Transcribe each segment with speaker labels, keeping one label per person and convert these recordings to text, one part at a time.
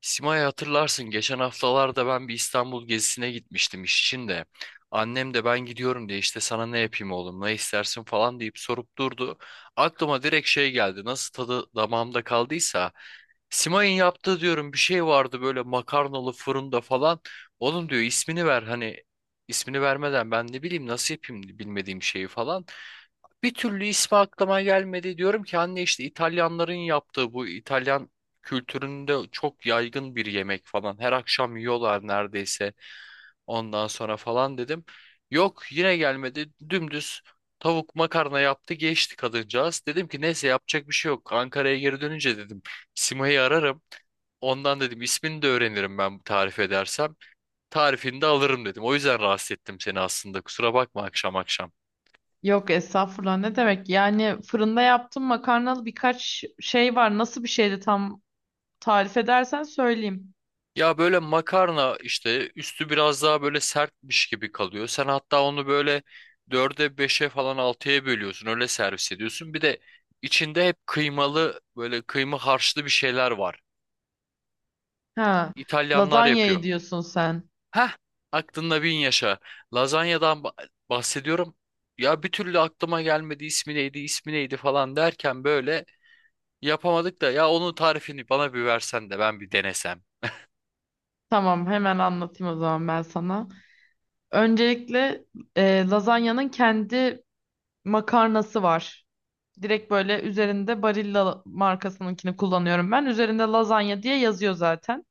Speaker 1: Simay hatırlarsın geçen haftalarda ben bir İstanbul gezisine gitmiştim iş için de. Annem de ben gidiyorum diye işte sana ne yapayım oğlum ne istersin falan deyip sorup durdu. Aklıma direkt şey geldi nasıl tadı damağımda kaldıysa. Simay'ın yaptığı diyorum bir şey vardı böyle makarnalı fırında falan. Oğlum diyor ismini ver hani ismini vermeden ben ne bileyim nasıl yapayım bilmediğim şeyi falan. Bir türlü ismi aklıma gelmedi diyorum ki anne işte İtalyanların yaptığı bu İtalyan kültüründe çok yaygın bir yemek falan. Her akşam yiyorlar neredeyse ondan sonra falan dedim. Yok yine gelmedi dümdüz tavuk makarna yaptı geçti kadıncağız. Dedim ki neyse yapacak bir şey yok. Ankara'ya geri dönünce dedim Sima'yı ararım. Ondan dedim ismini de öğrenirim ben tarif edersem. Tarifini de alırım dedim. O yüzden rahatsız ettim seni aslında. Kusura bakma akşam akşam.
Speaker 2: Yok, estağfurullah, ne demek? Yani fırında yaptığım makarnalı birkaç şey var. Nasıl bir şeydi tam, tarif edersen söyleyeyim.
Speaker 1: Ya böyle makarna işte üstü biraz daha böyle sertmiş gibi kalıyor. Sen hatta onu böyle dörde beşe falan altıya bölüyorsun öyle servis ediyorsun. Bir de içinde hep kıymalı böyle kıyma harçlı bir şeyler var.
Speaker 2: Ha,
Speaker 1: İtalyanlar yapıyor.
Speaker 2: lazanyayı diyorsun sen.
Speaker 1: Heh aklında bin yaşa. Lazanyadan bahsediyorum. Ya bir türlü aklıma gelmedi ismi neydi ismi neydi falan derken böyle yapamadık da ya onun tarifini bana bir versen de ben bir denesem.
Speaker 2: Tamam, hemen anlatayım o zaman ben sana. Öncelikle lazanyanın kendi makarnası var. Direkt böyle üzerinde Barilla markasınınkini kullanıyorum ben. Üzerinde lazanya diye yazıyor zaten.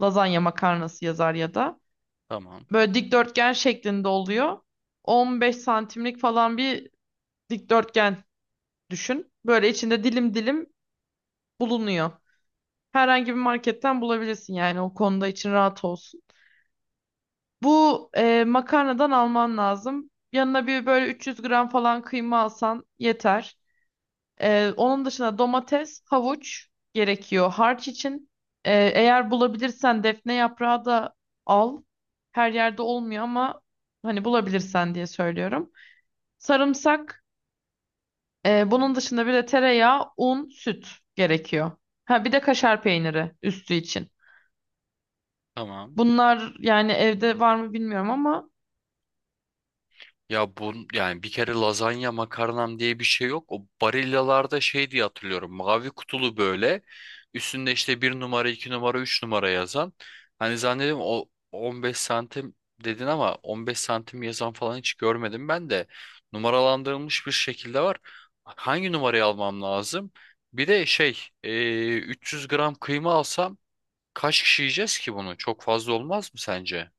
Speaker 2: Lazanya makarnası yazar ya da.
Speaker 1: Tamam
Speaker 2: Böyle dikdörtgen şeklinde oluyor. 15 santimlik falan bir dikdörtgen düşün. Böyle içinde dilim dilim bulunuyor. Herhangi bir marketten bulabilirsin, yani o konuda için rahat olsun. Bu makarnadan alman lazım. Yanına bir böyle 300 gram falan kıyma alsan yeter. Onun dışında domates, havuç gerekiyor harç için. Eğer bulabilirsen defne yaprağı da al. Her yerde olmuyor ama hani bulabilirsen diye söylüyorum. Sarımsak, bunun dışında bir de tereyağı, un, süt gerekiyor. Ha, bir de kaşar peyniri üstü için.
Speaker 1: tamam.
Speaker 2: Bunlar yani evde var mı bilmiyorum ama
Speaker 1: Ya bu yani bir kere lazanya makarnam diye bir şey yok. O Barilla'larda şey diye hatırlıyorum. Mavi kutulu böyle. Üstünde işte bir numara, iki numara, üç numara yazan. Hani zannediyorum o 15 santim dedin ama 15 santim yazan falan hiç görmedim ben de. Numaralandırılmış bir şekilde var. Hangi numarayı almam lazım? Bir de şey 300 gram kıyma alsam kaç kişi yiyeceğiz ki bunu? Çok fazla olmaz mı sence?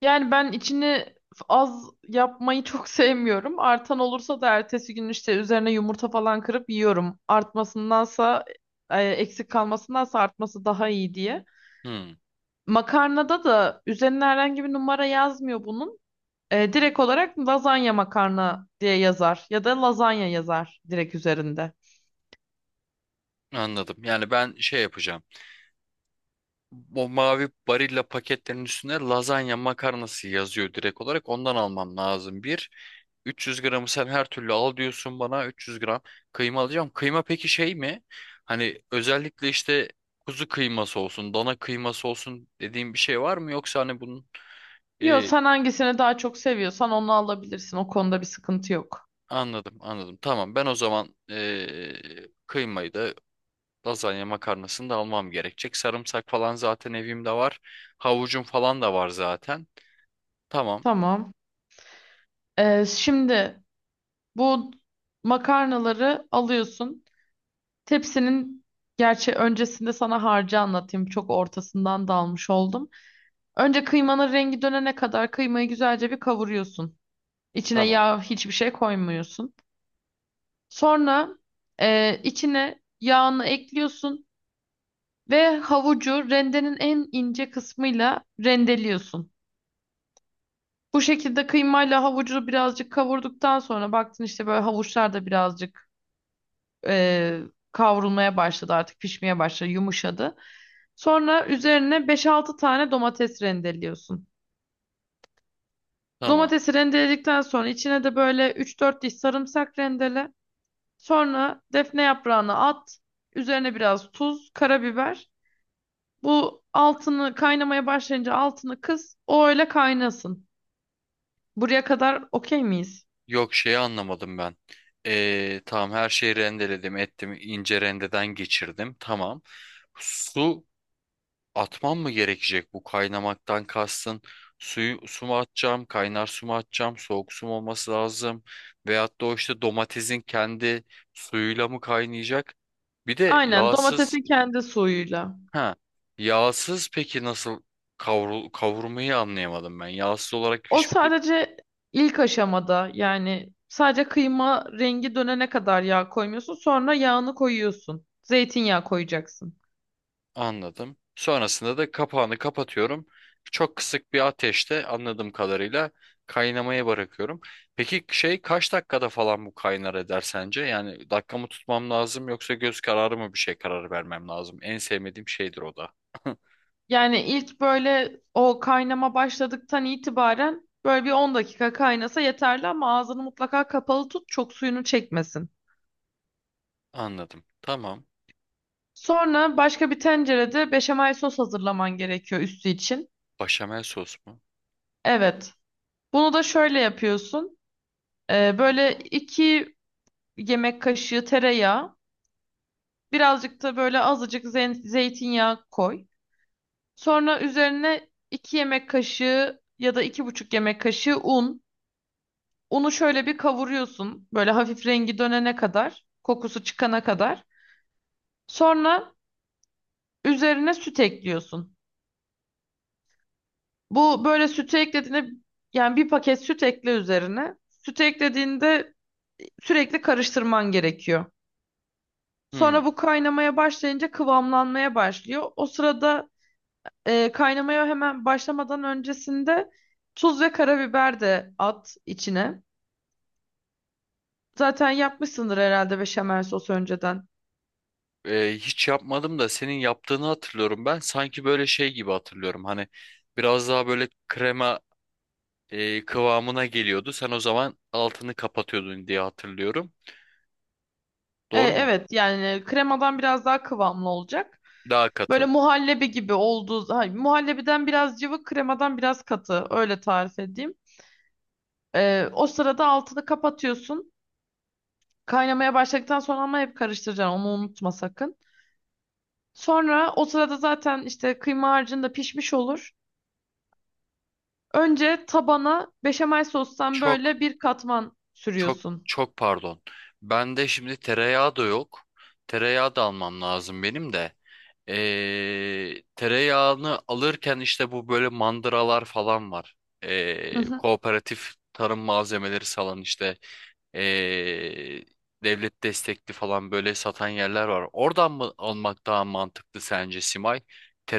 Speaker 2: yani ben içini az yapmayı çok sevmiyorum. Artan olursa da ertesi gün işte üzerine yumurta falan kırıp yiyorum. Artmasındansa, eksik kalmasındansa artması daha iyi diye.
Speaker 1: Hmm,
Speaker 2: Makarnada da üzerine herhangi bir numara yazmıyor bunun. E, direkt olarak lazanya makarna diye yazar ya da lazanya yazar direkt üzerinde.
Speaker 1: anladım. Yani ben şey yapacağım. O mavi Barilla paketlerin üstüne lazanya makarnası yazıyor direkt olarak. Ondan almam lazım. Bir, 300 gramı sen her türlü al diyorsun bana. 300 gram kıyma alacağım. Kıyma peki şey mi? Hani özellikle işte kuzu kıyması olsun, dana kıyması olsun dediğim bir şey var mı? Yoksa hani bunun...
Speaker 2: Yo,
Speaker 1: e,
Speaker 2: sen hangisini daha çok seviyorsan onu alabilirsin. O konuda bir sıkıntı yok.
Speaker 1: anladım, anladım. Tamam ben o zaman kıymayı da lazanya makarnasını da almam gerekecek. Sarımsak falan zaten evimde var. Havucum falan da var zaten. Tamam,
Speaker 2: Tamam. E, şimdi bu makarnaları alıyorsun. Tepsinin, gerçi öncesinde sana harcı anlatayım. Çok ortasından dalmış oldum. Önce kıymanın rengi dönene kadar kıymayı güzelce bir kavuruyorsun. İçine
Speaker 1: tamam.
Speaker 2: yağ, hiçbir şey koymuyorsun. Sonra içine yağını ekliyorsun ve havucu rendenin en ince kısmıyla rendeliyorsun. Bu şekilde kıymayla havucu birazcık kavurduktan sonra baktın işte böyle havuçlar da birazcık e, kavrulmaya başladı, artık pişmeye başladı, yumuşadı. Sonra üzerine beş-altı tane domates rendeliyorsun.
Speaker 1: Tamam.
Speaker 2: Domatesi rendeledikten sonra içine de böyle üç-dört diş sarımsak rendele. Sonra defne yaprağını at. Üzerine biraz tuz, karabiber. Bu altını, kaynamaya başlayınca altını kıs. O öyle kaynasın. Buraya kadar okey miyiz?
Speaker 1: Yok şeyi anlamadım ben. Tamam her şeyi rendeledim ettim ince rendeden geçirdim. Tamam. Su atmam mı gerekecek bu kaynamaktan kastın? Suyu su mu atacağım? Kaynar su mu atacağım? Soğuk su mu olması lazım? Veyahut da o işte domatesin kendi suyuyla mı kaynayacak? Bir de
Speaker 2: Aynen,
Speaker 1: yağsız
Speaker 2: domatesin kendi suyuyla.
Speaker 1: ha yağsız peki nasıl kavurmayı anlayamadım ben. Yağsız olarak
Speaker 2: O
Speaker 1: hiçbir
Speaker 2: sadece ilk aşamada, yani sadece kıyma rengi dönene kadar yağ koymuyorsun. Sonra yağını koyuyorsun. Zeytinyağı koyacaksın.
Speaker 1: Anladım. Sonrasında da kapağını kapatıyorum. Çok kısık bir ateşte anladığım kadarıyla kaynamaya bırakıyorum. Peki şey kaç dakikada falan bu kaynar eder sence? Yani dakika mı tutmam lazım yoksa göz kararı mı bir şey kararı vermem lazım? En sevmediğim şeydir o da.
Speaker 2: Yani ilk böyle o kaynama başladıktan itibaren böyle bir 10 dakika kaynasa yeterli, ama ağzını mutlaka kapalı tut, çok suyunu çekmesin.
Speaker 1: Anladım. Tamam.
Speaker 2: Sonra başka bir tencerede beşamel sos hazırlaman gerekiyor üstü için.
Speaker 1: Başamel sos mu?
Speaker 2: Evet. Bunu da şöyle yapıyorsun. Böyle iki yemek kaşığı tereyağı. Birazcık da böyle azıcık zeytinyağı koy. Sonra üzerine 2 yemek kaşığı ya da iki buçuk yemek kaşığı un. Unu şöyle bir kavuruyorsun. Böyle hafif rengi dönene kadar, kokusu çıkana kadar. Sonra üzerine süt ekliyorsun. Bu böyle sütü eklediğinde, yani bir paket süt ekle üzerine. Sütü eklediğinde sürekli karıştırman gerekiyor.
Speaker 1: Hmm.
Speaker 2: Sonra bu kaynamaya başlayınca kıvamlanmaya başlıyor. O sırada kaynamaya hemen başlamadan öncesinde tuz ve karabiber de at içine. Zaten yapmışsındır herhalde beşamel sos önceden.
Speaker 1: Hiç yapmadım da senin yaptığını hatırlıyorum ben. Sanki böyle şey gibi hatırlıyorum. Hani biraz daha böyle krema kıvamına geliyordu. Sen o zaman altını kapatıyordun diye hatırlıyorum.
Speaker 2: E,
Speaker 1: Doğru mu?
Speaker 2: evet, yani kremadan biraz daha kıvamlı olacak.
Speaker 1: Daha
Speaker 2: Böyle
Speaker 1: katı.
Speaker 2: muhallebi gibi olduğu, hayır, muhallebiden biraz cıvık, kremadan biraz katı, öyle tarif edeyim. E, o sırada altını kapatıyorsun. Kaynamaya başladıktan sonra, ama hep karıştıracaksın onu, unutma sakın. Sonra o sırada zaten işte kıyma harcın da pişmiş olur. Önce tabana beşamel sostan
Speaker 1: Çok
Speaker 2: böyle bir katman
Speaker 1: çok
Speaker 2: sürüyorsun.
Speaker 1: çok pardon. Bende şimdi tereyağı da yok. Tereyağı da almam lazım benim de. Tereyağını alırken işte bu böyle mandıralar falan var.
Speaker 2: Hı hı.
Speaker 1: Kooperatif tarım malzemeleri salan işte ee, devlet destekli falan böyle satan yerler var. Oradan mı almak daha mantıklı sence Simay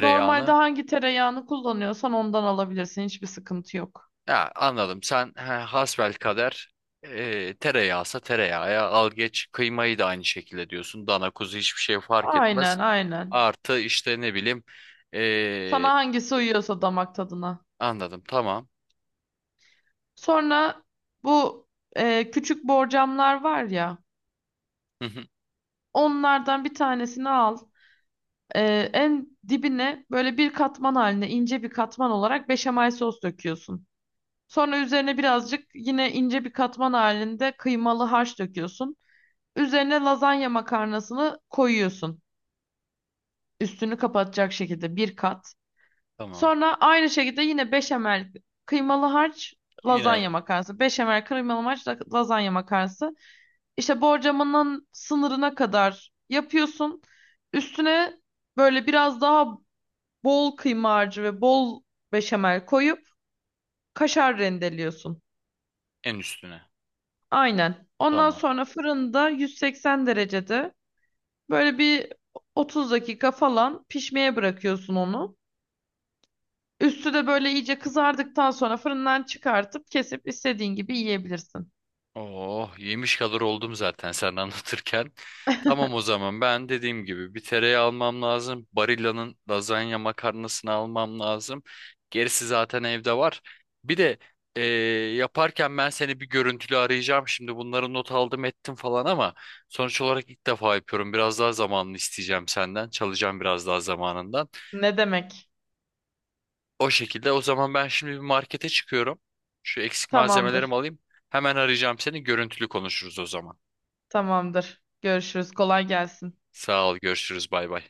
Speaker 2: Normalde hangi tereyağını kullanıyorsan ondan alabilirsin. Hiçbir sıkıntı yok.
Speaker 1: Ya anladım. Sen hasbelkader tereyağsa tereyağı al geç kıymayı da aynı şekilde diyorsun. Dana kuzu hiçbir şey fark etmez.
Speaker 2: Aynen, aynen.
Speaker 1: Artı işte ne bileyim e,
Speaker 2: Sana hangisi uyuyorsa damak tadına.
Speaker 1: anladım tamam.
Speaker 2: Sonra bu küçük borcamlar var ya,
Speaker 1: Hı hı,
Speaker 2: onlardan bir tanesini al. E, en dibine böyle bir katman haline, ince bir katman olarak beşamel sos döküyorsun. Sonra üzerine birazcık yine ince bir katman halinde kıymalı harç döküyorsun. Üzerine lazanya makarnasını koyuyorsun. Üstünü kapatacak şekilde bir kat.
Speaker 1: tamam.
Speaker 2: Sonra aynı şekilde yine beşamel, kıymalı harç,
Speaker 1: Yine
Speaker 2: lazanya makarnası. Beşamel, kıymalı harç, lazanya makarnası. İşte borcamının sınırına kadar yapıyorsun. Üstüne böyle biraz daha bol kıyma harcı ve bol beşamel koyup kaşar rendeliyorsun.
Speaker 1: en üstüne.
Speaker 2: Aynen. Ondan
Speaker 1: Tamam.
Speaker 2: sonra fırında 180 derecede böyle bir 30 dakika falan pişmeye bırakıyorsun onu. Üstü de böyle iyice kızardıktan sonra fırından çıkartıp kesip istediğin gibi yiyebilirsin.
Speaker 1: Oh, yemiş kadar oldum zaten sen anlatırken. Tamam o zaman ben dediğim gibi bir tereyağı almam lazım. Barilla'nın lazanya makarnasını almam lazım. Gerisi zaten evde var. Bir de eee, yaparken ben seni bir görüntülü arayacağım. Şimdi bunları not aldım ettim falan ama sonuç olarak ilk defa yapıyorum. Biraz daha zamanını isteyeceğim senden. Çalacağım biraz daha zamanından.
Speaker 2: Ne demek?
Speaker 1: O şekilde o zaman ben şimdi bir markete çıkıyorum. Şu eksik malzemelerimi
Speaker 2: Tamamdır.
Speaker 1: alayım. Hemen arayacağım seni. Görüntülü konuşuruz o zaman.
Speaker 2: Tamamdır. Görüşürüz. Kolay gelsin.
Speaker 1: Sağ ol, görüşürüz, bay bay.